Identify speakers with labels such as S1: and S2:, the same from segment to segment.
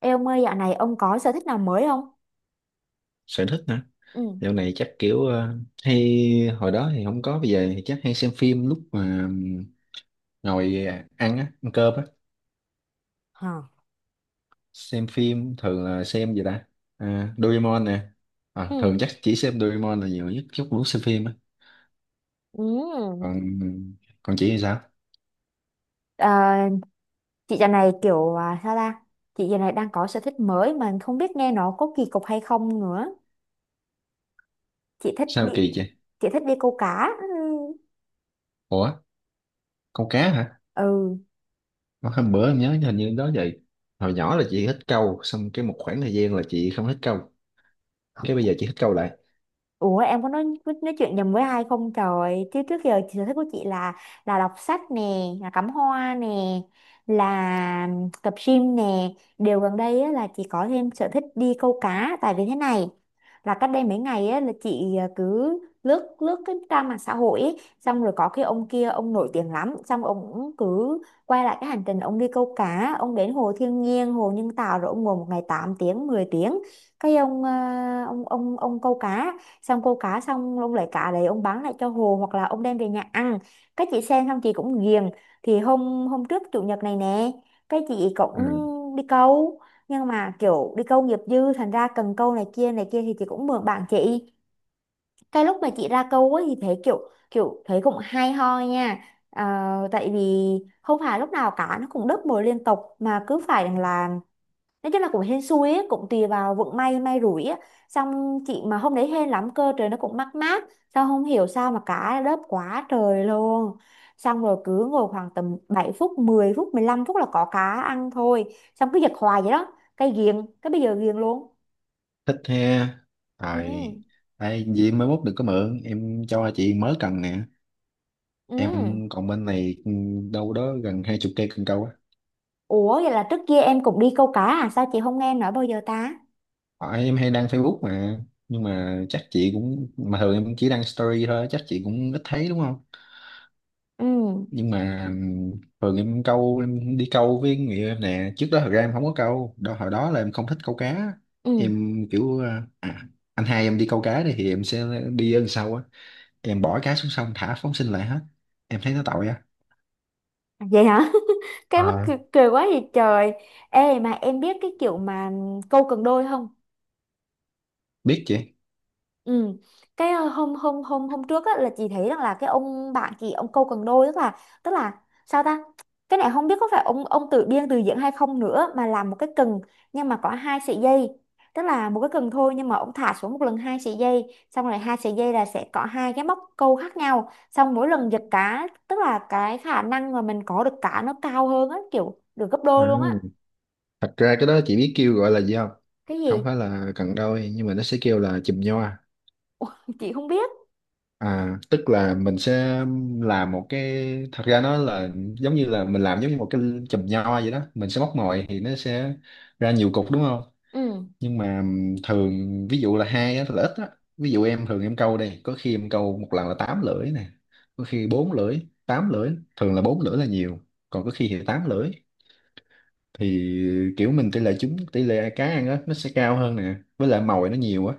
S1: Ê ông ơi, dạo này ông có sở thích nào mới không?
S2: Sở thích hả?
S1: Ừ.
S2: Dạo này chắc kiểu hay hồi đó thì không có, bây giờ thì chắc hay xem phim lúc mà ngồi ăn á, ăn cơm á.
S1: Hả?
S2: Xem phim thường là xem gì ta? À, Doraemon nè. À,
S1: Ừ.
S2: thường chắc chỉ xem Doraemon là nhiều nhất chút lúc xem phim á.
S1: Ừ.
S2: Còn còn chị thì sao?
S1: Ờ, chị dạo này kiểu sao ta? Chị dạo này đang có sở thích mới mà không biết nghe nó có kỳ cục hay không nữa. Chị thích
S2: Sao
S1: đi,
S2: kỳ chị?
S1: chị thích đi câu cá. Ừ.
S2: Ủa, câu cá hả?
S1: Ừ.
S2: Ờ, hôm bữa em nhớ hình như đó vậy, hồi nhỏ là chị thích câu, xong cái một khoảng thời gian là chị không thích câu, cái bây giờ chị thích câu lại.
S1: Ủa em có nói chuyện nhầm với ai không trời? Chứ trước giờ sở thích của chị là đọc sách nè, là cắm hoa nè, là tập gym nè. Điều gần đây á, là chị có thêm sở thích đi câu cá. Tại vì thế này. Là cách đây mấy ngày á, là chị cứ lướt lướt cái trang mạng xã hội ấy, xong rồi có cái ông kia ông nổi tiếng lắm, xong rồi ông cũng cứ quay lại cái hành trình ông đi câu cá, ông đến hồ thiên nhiên, hồ nhân tạo, rồi ông ngồi một ngày 8 tiếng 10 tiếng. Cái ông à, ông ông câu cá, xong cô cá xong ông lấy cá đấy ông bán lại cho hồ hoặc là ông đem về nhà ăn. Cái chị xem xong chị cũng ghiền. Thì hôm hôm trước chủ nhật này nè, cái chị
S2: À,
S1: cũng đi câu, nhưng mà kiểu đi câu nghiệp dư thành ra cần câu này kia thì chị cũng mượn bạn chị. Cái lúc mà chị ra câu ấy thì thấy kiểu, thấy cũng hay ho nha. Ờ, tại vì không phải lúc nào cá nó cũng đớp mồi liên tục mà cứ phải là, nói chung là cũng hên xui ấy, cũng tùy vào vận may may rủi á. Xong chị mà hôm đấy hên lắm cơ, trời nó cũng mát mát, sao không hiểu sao mà cá đớp quá trời luôn. Xong rồi cứ ngồi khoảng tầm 7 phút 10 phút 15 phút là có cá ăn thôi, xong cứ giật hoài vậy đó, cái ghiền, cái bây giờ ghiền luôn.
S2: thích he.
S1: Ừ.
S2: Tại tại gì mai mốt đừng có mượn, em cho chị mới cần nè.
S1: Ừ.
S2: Em còn bên này đâu đó gần hai chục cây cần câu á.
S1: Ủa vậy là trước kia em cũng đi câu cá à? Sao chị không nghe em nói bao giờ ta?
S2: Tại em hay đăng Facebook mà, nhưng mà chắc chị cũng, mà thường em chỉ đăng story thôi, chắc chị cũng ít thấy đúng không?
S1: Ừ.
S2: Nhưng mà thường em câu, em đi câu với người yêu em nè, trước đó thật ra em không có câu đó, hồi đó là em không thích câu cá.
S1: Ừ.
S2: Em kiểu anh hai em đi câu cá đi thì em sẽ đi ở đằng sau á. Em bỏ cá xuống sông thả phóng sinh lại hết, em thấy nó tội á.
S1: À, vậy hả. Cái mắc
S2: À,
S1: cười, cười quá vậy trời. Ê mà em biết cái kiểu mà câu cần đôi không?
S2: biết chị.
S1: Ừ. Cái ờ, hôm hôm hôm hôm trước á, là chị thấy rằng là cái ông bạn chị ông câu cần đôi, tức là, sao ta, cái này không biết có phải ông tự biên tự diễn hay không nữa, mà làm một cái cần nhưng mà có hai sợi dây, tức là một cái cần thôi nhưng mà ông thả xuống một lần hai sợi dây, xong rồi hai sợi dây là sẽ có hai cái móc câu khác nhau, xong mỗi lần giật cá tức là cái khả năng mà mình có được cá nó cao hơn á, kiểu được gấp
S2: À,
S1: đôi luôn á.
S2: thật ra cái đó chị biết kêu gọi là gì không?
S1: Cái
S2: Không
S1: gì?
S2: phải là cần đôi nhưng mà nó sẽ kêu là chùm nho.
S1: Ủa, chị không biết.
S2: À, tức là mình sẽ làm một cái, thật ra nó là giống như là mình làm giống như một cái chùm nho vậy đó, mình sẽ móc mồi thì nó sẽ ra nhiều cục đúng không?
S1: Ừ.
S2: Nhưng mà thường ví dụ là hai á thì là ít á. Ví dụ em thường em câu đây, có khi em câu một lần là tám lưỡi nè, có khi bốn lưỡi, tám lưỡi, thường là bốn lưỡi là nhiều, còn có khi thì tám lưỡi, thì kiểu mình tỷ lệ trúng, tỷ lệ cá ăn á nó sẽ cao hơn nè, với lại mồi nó nhiều á.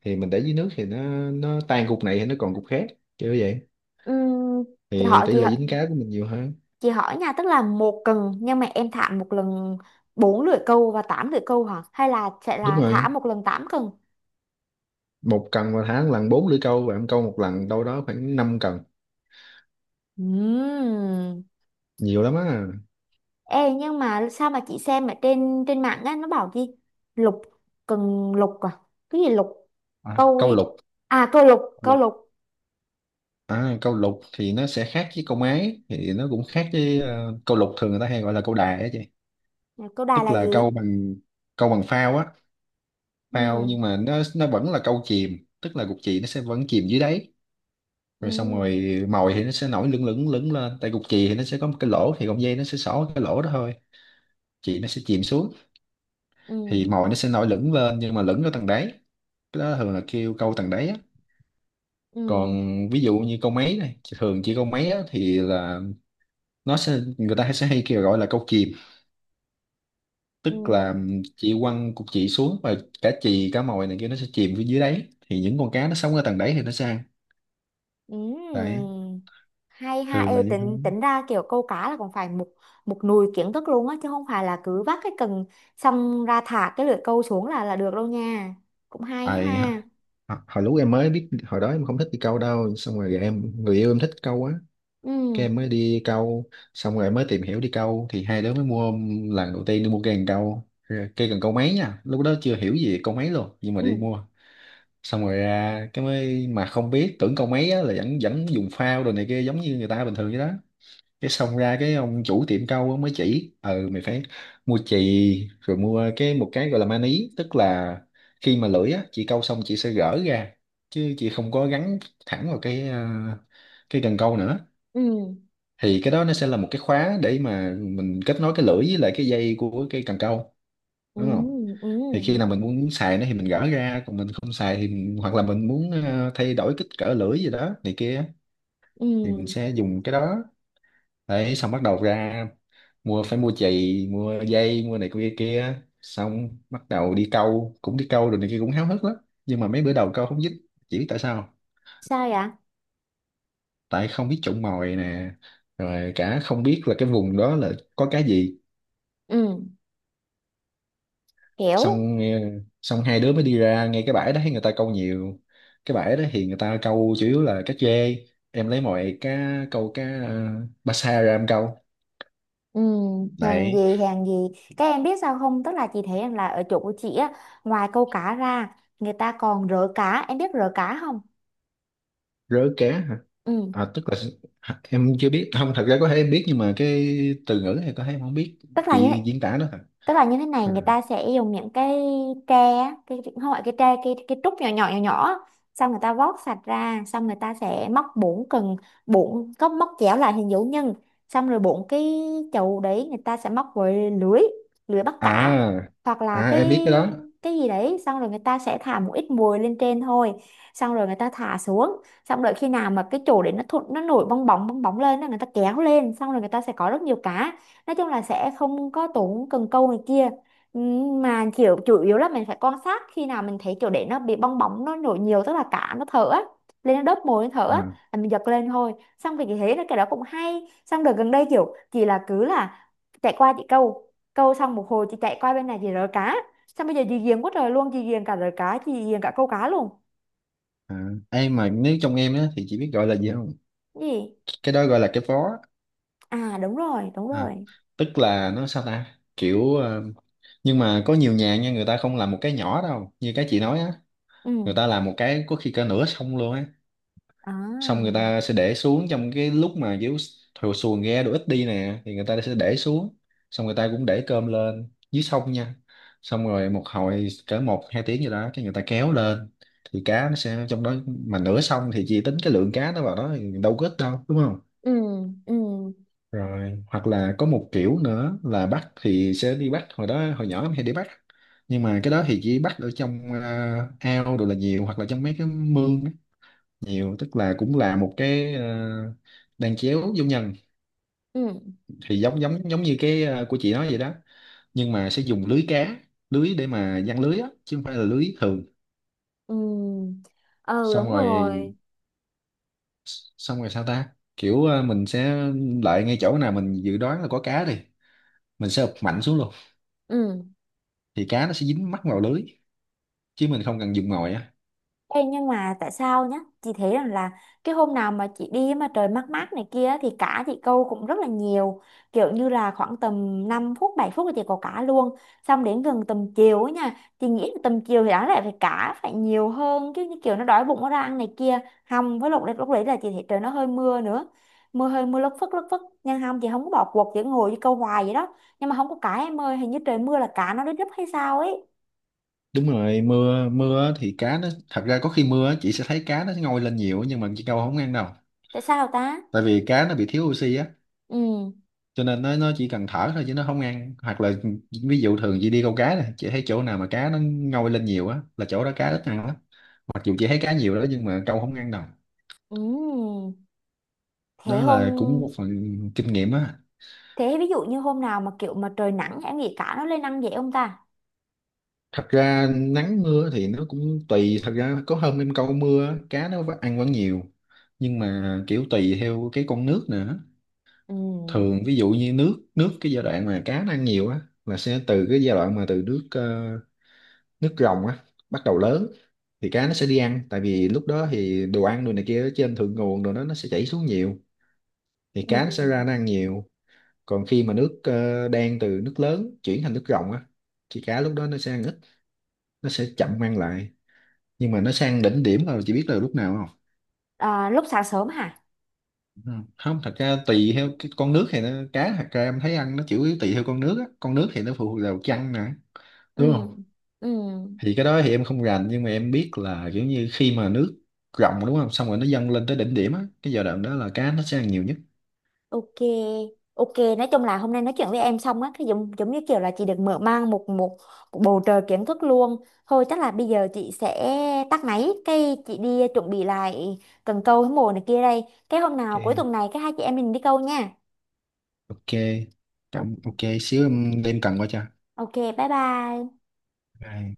S2: Thì mình để dưới nước thì nó tan cục này thì nó còn cục khác, kiểu vậy.
S1: Ừ. chị
S2: Thì
S1: hỏi
S2: tỷ
S1: chị
S2: lệ dính cá của mình nhiều hơn.
S1: Chị hỏi nha, tức là một cần nhưng mà em thả một lần bốn lưỡi câu và tám lưỡi câu hả? Hay là sẽ
S2: Đúng
S1: là thả
S2: rồi,
S1: một lần tám cần?
S2: một cần mà thả một lần bốn lưỡi câu, và em câu một lần đâu đó khoảng năm cần,
S1: Ừm.
S2: nhiều lắm á.
S1: Ê nhưng mà sao mà chị xem ở trên trên mạng á nó bảo gì? Lục, cần lục à? Cái gì lục?
S2: À,
S1: Câu
S2: câu
S1: gì?
S2: lục.
S1: À câu lục, câu
S2: Lục.
S1: lục.
S2: À, câu lục thì nó sẽ khác với câu máy, thì nó cũng khác với câu lục thường người ta hay gọi là câu đài á chị.
S1: Câu đài
S2: Tức
S1: là
S2: là
S1: gì?
S2: câu bằng phao á. Phao
S1: Ừm.
S2: nhưng mà nó vẫn là câu chìm, tức là cục chì nó sẽ vẫn chìm dưới đáy. Rồi xong
S1: Ừm.
S2: rồi mồi thì nó sẽ nổi lửng lửng lửng lên, tại cục chì thì nó sẽ có một cái lỗ, thì cọng dây nó sẽ xỏ cái lỗ đó thôi. Chì nó sẽ chìm xuống. Thì
S1: Ừm.
S2: mồi nó sẽ nổi lửng lên nhưng mà lửng ở tầng đáy. Cái đó thường là kêu câu tầng đáy á.
S1: Ừm.
S2: Còn ví dụ như câu máy này thường chỉ câu máy á, thì là nó sẽ, người ta sẽ hay kêu gọi là câu chìm, tức là
S1: Ừm.
S2: chị quăng cục chị xuống và cả chì cá mòi này kia nó sẽ chìm phía dưới đáy, thì những con cá nó sống ở tầng đáy thì nó sẽ ăn. Đấy.
S1: Ừm, Hay ha,
S2: Thường là
S1: ê
S2: như thế.
S1: tính tính ra kiểu câu cá là còn phải một một nùi kiến thức luôn á, chứ không phải là cứ vác cái cần xong ra thả cái lưỡi câu xuống là được đâu nha. Cũng hay
S2: Tại
S1: ha.
S2: hồi lúc em mới biết, hồi đó em không thích đi câu đâu, xong rồi người yêu em thích câu á.
S1: Ừ.
S2: Cái em mới đi câu, xong rồi em mới tìm hiểu đi câu, thì hai đứa mới mua lần đầu tiên đi mua cây cần câu. Rồi cây cần câu máy nha, lúc đó chưa hiểu gì về câu máy luôn nhưng mà
S1: Ừ.
S2: đi mua. Xong rồi ra cái mới mà không biết tưởng câu máy á, là vẫn vẫn dùng phao đồ này kia giống như người ta bình thường vậy đó. Cái xong ra cái ông chủ tiệm cau mới chỉ: ừ mày phải mua chì, rồi mua cái một cái gọi là maní, tức là khi mà lưỡi á chị cau xong chị sẽ gỡ ra, chứ chị không có gắn thẳng vào cái cần câu nữa.
S1: Ừ.
S2: Thì cái đó nó sẽ là một cái khóa để mà mình kết nối cái lưỡi với lại cái dây của cái cần câu,
S1: Ừ.
S2: đúng không?
S1: Ừ.
S2: Thì khi nào mình muốn xài nó thì mình gỡ ra, còn mình không xài thì hoặc là mình muốn thay đổi kích cỡ lưỡi gì đó này kia, thì mình
S1: Ừ.
S2: sẽ dùng cái đó. Đấy xong bắt đầu ra mua, phải mua chì, mua dây, mua này kia kia, xong bắt đầu đi câu, cũng đi câu rồi này kia, cũng háo hức lắm. Nhưng mà mấy bữa đầu câu không dính. Chỉ biết tại sao.
S1: Sao vậy?
S2: Tại không biết chọn mồi nè, rồi cả không biết là cái vùng đó là có cái gì.
S1: Ừ. Kiểu.
S2: xong eh, Xong hai đứa mới đi ra ngay cái bãi đó thấy người ta câu nhiều. Cái bãi đó thì người ta câu chủ yếu là cá trê, em lấy mọi cá, câu cá ba sa ra em câu.
S1: Ừ. Hàng
S2: Đấy.
S1: gì, hàng gì? Các em biết sao không, tức là chị thấy em là ở chỗ của chị á, ngoài câu cá ra người ta còn rỡ cá, em biết rỡ cá không?
S2: Rớ cá hả?
S1: Ừ.
S2: À tức là, hả, em chưa biết. Không, thật ra có thể em biết nhưng mà cái từ ngữ này có thể em không biết,
S1: tức là như
S2: chị diễn tả đó hả?
S1: Tức là như thế này,
S2: À.
S1: người ta sẽ dùng những cái tre á, không phải cái tre, cái trúc nhỏ nhỏ nhỏ nhỏ á, xong người ta vót sạch ra, xong người ta sẽ móc bốn cần, bốn có móc chéo lại hình dấu nhân, xong rồi bốn cái chậu đấy người ta sẽ móc với lưới, lưới bắt cá,
S2: à,
S1: hoặc là
S2: em biết cái đó.
S1: cái gì đấy, xong rồi người ta sẽ thả một ít mồi lên trên thôi, xong rồi người ta thả xuống, xong đợi khi nào mà cái chỗ đấy nó thụt, nó nổi bong bóng lên á, người ta kéo lên, xong rồi người ta sẽ có rất nhiều cá. Nói chung là sẽ không có tốn cần câu này kia. Mà kiểu chủ yếu là mình phải quan sát khi nào mình thấy kiểu để nó bị bong bóng nó nổi nhiều, tức là cá nó thở á, lên nó đớp mồi nó thở á,
S2: à,
S1: là mình giật lên thôi. Xong thì thế là cái đó cũng hay, xong đợt gần đây kiểu chị là cứ là chạy qua chị câu câu xong một hồi chị chạy qua bên này chị rớ cá, xong bây giờ chị ghiền quá trời luôn, chị ghiền cả rớ cá, chị ghiền cả câu cá luôn.
S2: à. Em mà nếu trong em á thì chị biết gọi là gì không?
S1: Cái gì?
S2: Cái đó gọi là cái phó.
S1: À đúng rồi, đúng
S2: À.
S1: rồi.
S2: Tức là nó sao ta, kiểu nhưng mà có nhiều nhà nha người ta không làm một cái nhỏ đâu như cái chị nói á. Người
S1: Ừ.
S2: ta làm một cái có khi cả nửa xong luôn á. Xong người
S1: À.
S2: ta sẽ để xuống, trong cái lúc mà kiểu thuyền xuồng ghe đồ ít đi nè thì người ta sẽ để xuống, xong người ta cũng để cơm lên dưới sông nha, xong rồi một hồi cỡ một hai tiếng gì đó cái người ta kéo lên. Thì cá nó sẽ trong đó, mà nửa sông thì chỉ tính cái lượng cá nó vào đó thì đâu có ít đâu, đúng không?
S1: Ừ. Ừ.
S2: Rồi hoặc là có một kiểu nữa là bắt thì sẽ đi bắt, hồi đó hồi nhỏ em hay đi bắt. Nhưng mà cái đó thì chỉ bắt ở trong ao đồ là nhiều, hoặc là trong mấy cái mương á, nhiều tức là cũng là một cái đan chéo vô nhân,
S1: Ừ.
S2: thì giống giống giống như cái của chị nói vậy đó. Nhưng mà sẽ dùng lưới cá, lưới để mà giăng lưới á chứ không phải là lưới thường.
S1: Ừ. Ừ
S2: Xong
S1: đúng
S2: rồi.
S1: rồi.
S2: Xong rồi sao ta, kiểu mình sẽ lại ngay chỗ nào mình dự đoán là có cá đi, mình sẽ ụp mạnh xuống luôn.
S1: Ừ.
S2: Thì cá nó sẽ dính mắc vào lưới, chứ mình không cần dùng ngòi á.
S1: Ê, nhưng mà tại sao nhá? Chị thấy rằng là cái hôm nào mà chị đi mà trời mát mát này kia thì cá chị câu cũng rất là nhiều. Kiểu như là khoảng tầm 5 phút 7 phút là chị có cá luôn. Xong đến gần tầm chiều ấy nha. Chị nghĩ là tầm chiều thì đáng lẽ phải cá phải nhiều hơn chứ, như kiểu nó đói bụng nó ra ăn này kia. Hầm với lúc đấy, là chị thấy trời nó hơi mưa nữa. Mưa, hơi mưa lất phất lất phất, nhưng hầm chị không có bỏ cuộc, chị ngồi đi câu hoài vậy đó, nhưng mà không có cá em ơi, hình như trời mưa là cá nó đến đứt hay sao ấy.
S2: Đúng rồi, mưa mưa á thì cá nó thật ra có khi mưa á, chị sẽ thấy cá nó ngoi lên nhiều nhưng mà chị câu không ăn đâu.
S1: Tại sao ta?
S2: Tại vì cá nó bị thiếu oxy á,
S1: Ừ.
S2: cho nên nó chỉ cần thở thôi chứ nó không ăn, hoặc là ví dụ thường chị đi câu cá này chị thấy chỗ nào mà cá nó ngoi lên nhiều á là chỗ đó cá ít ăn lắm, mặc dù chị thấy cá nhiều đó nhưng mà câu không ăn đâu.
S1: Ừ. Thế
S2: Đó
S1: hôm
S2: là cũng một phần kinh nghiệm á.
S1: Thế ví dụ như hôm nào mà kiểu mà trời nắng em nghĩ cá nó lên ăn dễ không ta?
S2: Thật ra nắng mưa thì nó cũng tùy, thật ra có hôm em câu mưa á, cá nó ăn vẫn nhiều. Nhưng mà kiểu tùy theo cái con nước nữa.
S1: Ừ.
S2: Thường ví dụ như nước nước cái giai đoạn mà cá nó ăn nhiều á là sẽ từ cái giai đoạn mà từ nước nước rồng á, bắt đầu lớn. Thì cá nó sẽ đi ăn, tại vì lúc đó thì đồ ăn đồ này kia ở trên thượng nguồn đồ đó nó sẽ chảy xuống nhiều, thì
S1: Ừ.
S2: cá nó sẽ ra nó ăn nhiều. Còn khi mà nước đen, từ nước lớn chuyển thành nước rồng á thì cá lúc đó nó sẽ ăn ít, nó sẽ chậm ăn lại. Nhưng mà nó sang đỉnh điểm là chị biết là lúc nào không?
S1: À, lúc sáng sớm hả?
S2: Ừ. Không, thật ra tùy theo cái con nước, thì nó cá thật ra em thấy ăn nó chủ yếu tùy theo con nước á, con nước thì nó phụ thuộc vào chăn nè, đúng
S1: Ừ.
S2: không?
S1: Ừ.
S2: Thì cái đó thì em không rành nhưng mà em biết là kiểu như khi mà nước rộng, đúng không, xong rồi nó dâng lên tới đỉnh điểm á, cái giai đoạn đó là cá nó sẽ ăn nhiều nhất.
S1: Ok. Ok, nói chung là hôm nay nói chuyện với em xong á, cái giống giống như kiểu là chị được mở mang một một, một bầu trời kiến thức luôn. Thôi chắc là bây giờ chị sẽ tắt máy, cái chị đi chuẩn bị lại cần câu với mồi này kia đây. Cái hôm nào cuối
S2: Ok.
S1: tuần này cái hai chị em mình đi câu nha.
S2: Ok. Ok xíu em đem cần qua cho.
S1: Ok, bye bye.
S2: Rồi.